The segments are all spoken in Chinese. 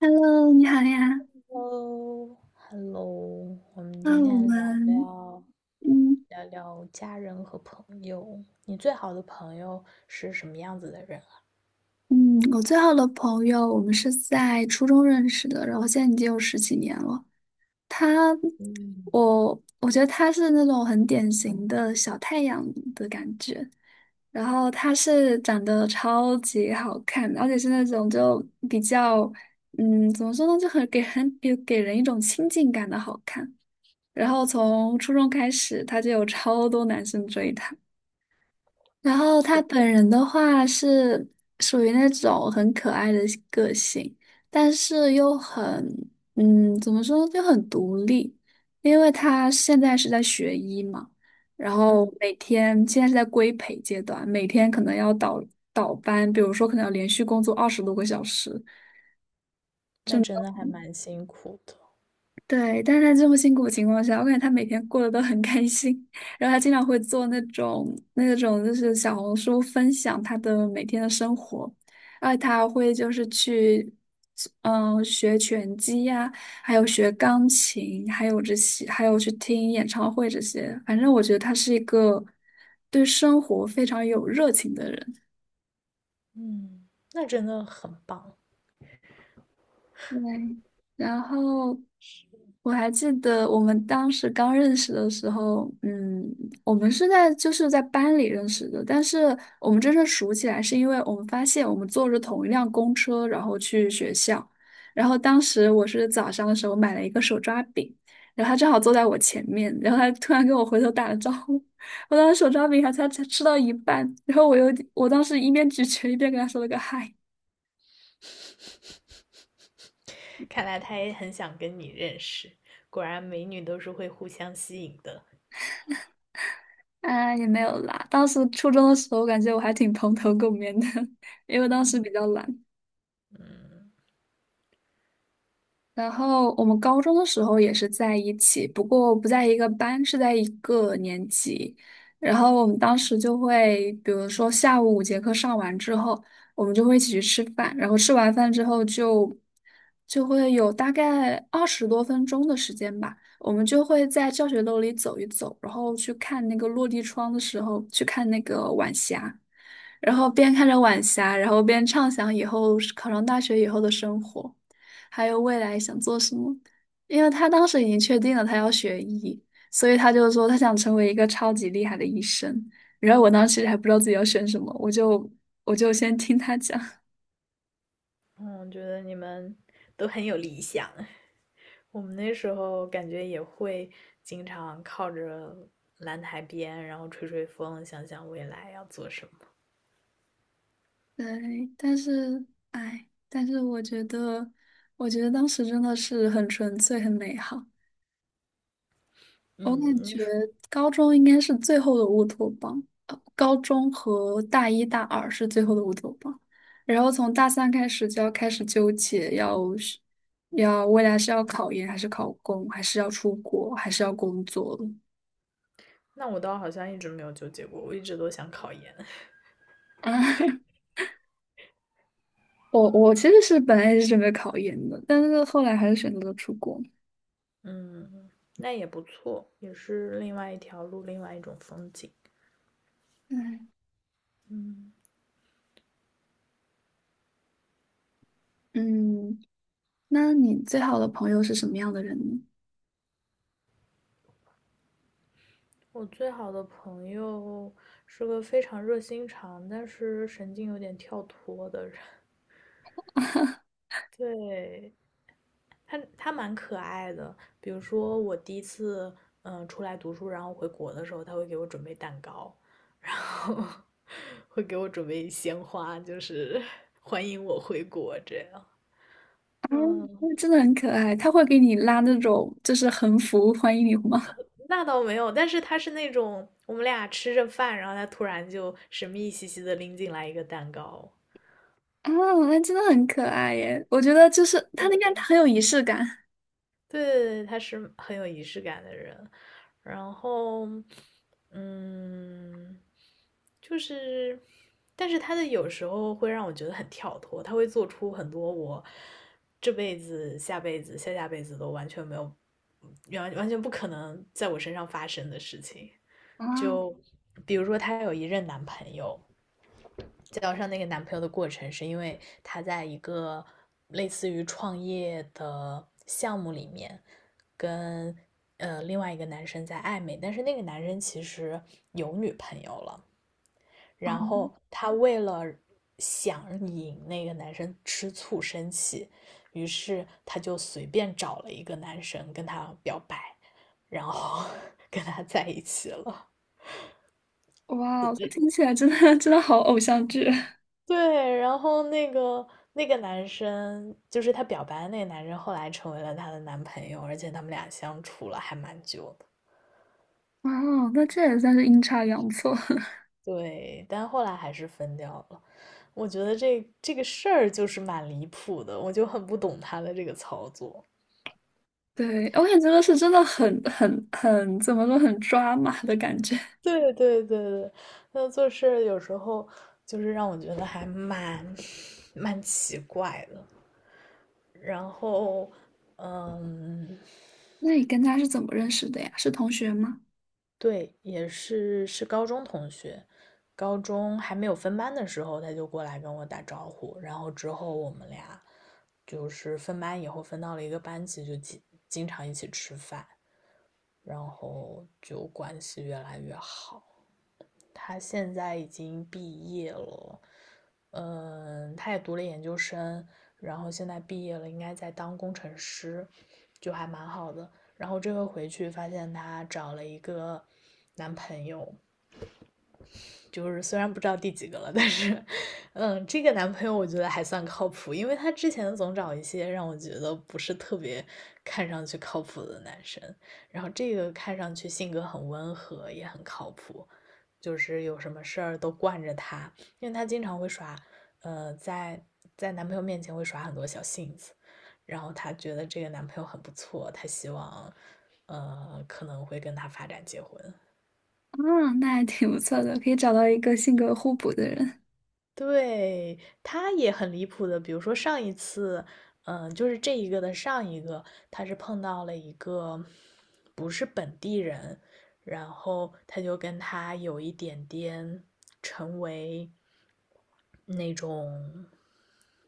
Hello，你好呀。Hello，Hello，我们那今我天聊们，聊嗯聊聊家人和朋友。你最好的朋友是什么样子的人啊？嗯，我最好的朋友，我们是在初中认识的，然后现在已经有十几年了。他，嗯，我觉得他是那种很典型的小太阳的感觉。然后他是长得超级好看，而且是那种就比较，怎么说呢，就很给很给给人一种亲近感的好看。然后从初中开始，他就有超多男生追他。然后他本人的话是属于那种很可爱的个性，但是又很，怎么说就很独立，因为他现在是在学医嘛，然后嗯，每天现在是在规培阶段，每天可能要倒班，比如说可能要连续工作20多个小时，那真的还蛮辛苦的。对，但是他这么辛苦的情况下，我感觉他每天过得都很开心。然后他经常会做那种就是小红书分享他的每天的生活，而且他还会就是去学拳击呀、还有学钢琴，还有这些，还有去听演唱会这些。反正我觉得他是一个对生活非常有热情的人。嗯，那真的很棒。对，然后我还记得我们当时刚认识的时候，我们是在就是在班里认识的，但是我们真正熟起来是因为我们发现我们坐着同一辆公车，然后去学校，然后当时我是早上的时候买了一个手抓饼，然后他正好坐在我前面，然后他突然跟我回头打了招呼，我当时手抓饼还才吃到一半，然后我当时一边咀嚼一边跟他说了个嗨。看来他也很想跟你认识，果然美女都是会互相吸引的。啊，也没有啦。当时初中的时候，感觉我还挺蓬头垢面的，因为当时比较嗯懒。然后我们高中的时候也是在一起，不过不在一个班，是在一个年级。然后我们当时就会，比如说下午五节课上完之后，我们就会一起去吃饭。然后吃完饭之后就会有大概20多分钟的时间吧，我们就会在教学楼里走一走，然后去看那个落地窗的时候，去看那个晚霞，然后边看着晚霞，然后边畅想以后考上大学以后的生活。还有未来想做什么。因为他当时已经确定了他要学医，所以他就说他想成为一个超级厉害的医生。然后我当时其实还不知道自己要选什么，我就先听他讲。嗯，我觉得你们都很有理想。我们那时候感觉也会经常靠着蓝台边，然后吹吹风，想想未来要做什么。对，但是我觉得当时真的是很纯粹、很美好。我嗯，感那觉时候高中应该是最后的乌托邦，高中和大一大二是最后的乌托邦，然后从大三开始就要开始纠结，要未来是要考研还是考公，还是要出国，还是要工作了。那我倒好像一直没有纠结过，我一直都想考研。啊，我其实是本来也是准备考研的，但是后来还是选择了出国。嗯，那也不错，也是另外一条路，另外一种风景。嗯嗯，嗯，那你最好的朋友是什么样的人呢？我最好的朋友是个非常热心肠，但是神经有点跳脱的人。对，他蛮可爱的，比如说我第一次出来读书，然后回国的时候，他会给我准备蛋糕，然后会给我准备鲜花，就是 欢迎我回国这样。啊，嗯，那真的很可爱，他会给你拉那种就是横幅欢迎你吗？那倒没有，但是他是那种我们俩吃着饭，然后他突然就神秘兮兮的拎进来一个蛋糕。啊，那真的很可爱耶。我觉得就是他那个很有仪式感对对对，他是很有仪式感的人。然后，嗯，就是，但是他的有时候会让我觉得很跳脱，他会做出很多我这辈子、下辈子、下下辈子都完全没有、完完全不可能在我身上发生的事情。啊就比如说，她有一任男朋友，交上那个男朋友的过程，是因为她在一个类似于创业的项目里面，跟另外一个男生在暧昧，但是那个男生其实有女朋友了，啊。然后她为了想引那个男生吃醋生气，于是她就随便找了一个男生跟他表白，然后 跟他在一起了。哇，听起来真的真的好偶像剧对，然后那个男生，就是他表白的那个男生，后来成为了她的男朋友，而且他们俩相处了还蛮久的。哇。那这也算是阴差阳错。对，但后来还是分掉了。我觉得这个事儿就是蛮离谱的，我就很不懂他的这个操作。对，我感觉这个是真的很怎么说很抓马的感觉。对对对对，他做事儿有时候就是让我觉得还蛮奇怪的。然后，嗯，那你跟他是怎么认识的呀？是同学吗？对，也是高中同学，高中还没有分班的时候，他就过来跟我打招呼，然后之后我们俩就是分班以后分到了一个班级，就经常一起吃饭，然后就关系越来越好。他现在已经毕业了，嗯，他也读了研究生，然后现在毕业了，应该在当工程师，就还蛮好的。然后这回回去发现她找了一个男朋友，就是虽然不知道第几个了，但是，嗯，这个男朋友我觉得还算靠谱，因为他之前总找一些让我觉得不是特别看上去靠谱的男生，然后这个看上去性格很温和，也很靠谱，就是有什么事儿都惯着他，因为他经常会耍，呃，在在男朋友面前会耍很多小性子，然后他觉得这个男朋友很不错，他希望，可能会跟他发展结婚。啊，那还挺不错的，可以找到一个性格互补的人。对，他也很离谱的，比如说上一次，嗯、就是这一个的上一个，他是碰到了一个不是本地人，然后他就跟他有一点点成为那种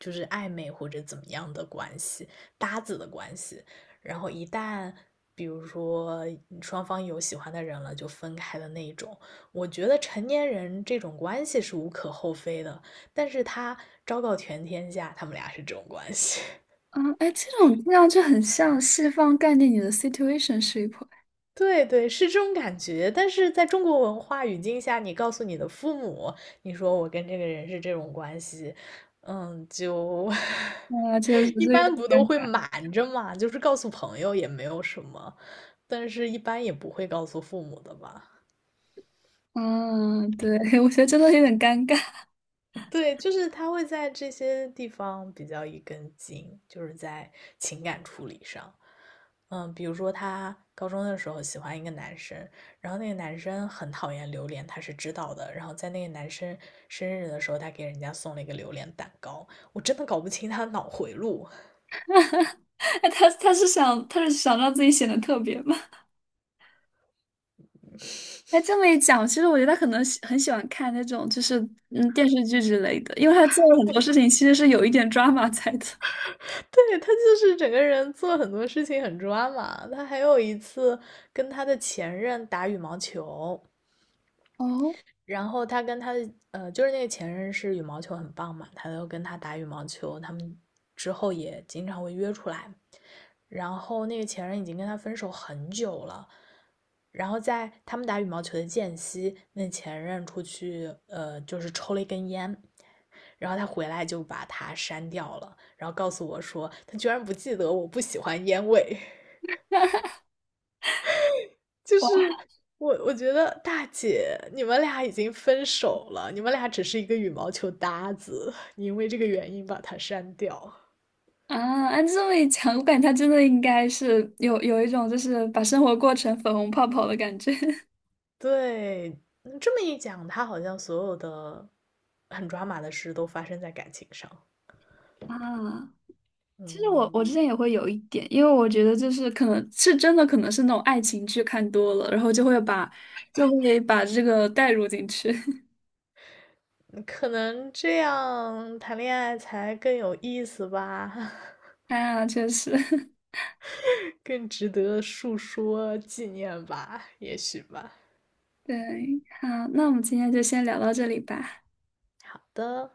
就是暧昧或者怎么样的关系，搭子的关系，然后一旦比如说双方有喜欢的人了，就分开的那一种。我觉得成年人这种关系是无可厚非的，但是他昭告全天下，他们俩是这种关系。啊，哎，这种听上去很像西方概念里的 situation ship。对对，是这种感觉。但是在中国文化语境下，你告诉你的父母，你说我跟这个人是这种关系，嗯，就 啊，确实 一是有般点不都会尴瞒着嘛，就是告诉朋友也没有什么，但是一般也不会告诉父母的吧。嗯，对，我觉得真的有点尴尬。对，就是他会在这些地方比较一根筋，就是在情感处理上。嗯，比如说他高中的时候喜欢一个男生，然后那个男生很讨厌榴莲，他是知道的。然后在那个男生生日的时候，他给人家送了一个榴莲蛋糕。我真的搞不清他的脑回路。哎他是想让自己显得特别吗？哎，这么一讲，其实我觉得他可能很喜欢看那种就是电视剧之类的，因为他做了很多事情其实是有一点 drama 在的。对，他就是整个人做很多事情很抓马。他还有一次跟他的前任打羽毛球。哦，然后他跟他的就是那个前任是羽毛球很棒嘛，他都跟他打羽毛球，他们之后也经常会约出来。然后那个前任已经跟他分手很久了，然后在他们打羽毛球的间隙，那前任出去就是抽了一根烟，然后他回来就把他删掉了，然后告诉我说他居然不记得我不喜欢烟味。就哇，是我觉得大姐，你们俩已经分手了，你们俩只是一个羽毛球搭子，你因为这个原因把他删掉。啊，按这么一讲，我感觉他真的应该是有一种就是把生活过成粉红泡泡的感觉。 对，嗯这么一讲，他好像所有的很抓马的事都发生在感情上。啊。其实我嗯，之前也会有一点，因为我觉得就是可能是真的，可能是那种爱情剧看多了，然后就会把这个带入进去。嗯可能这样谈恋爱才更有意思吧，啊，确实，更值得述说纪念吧，也许吧。对，好，那我们今天就先聊到这里吧。好的，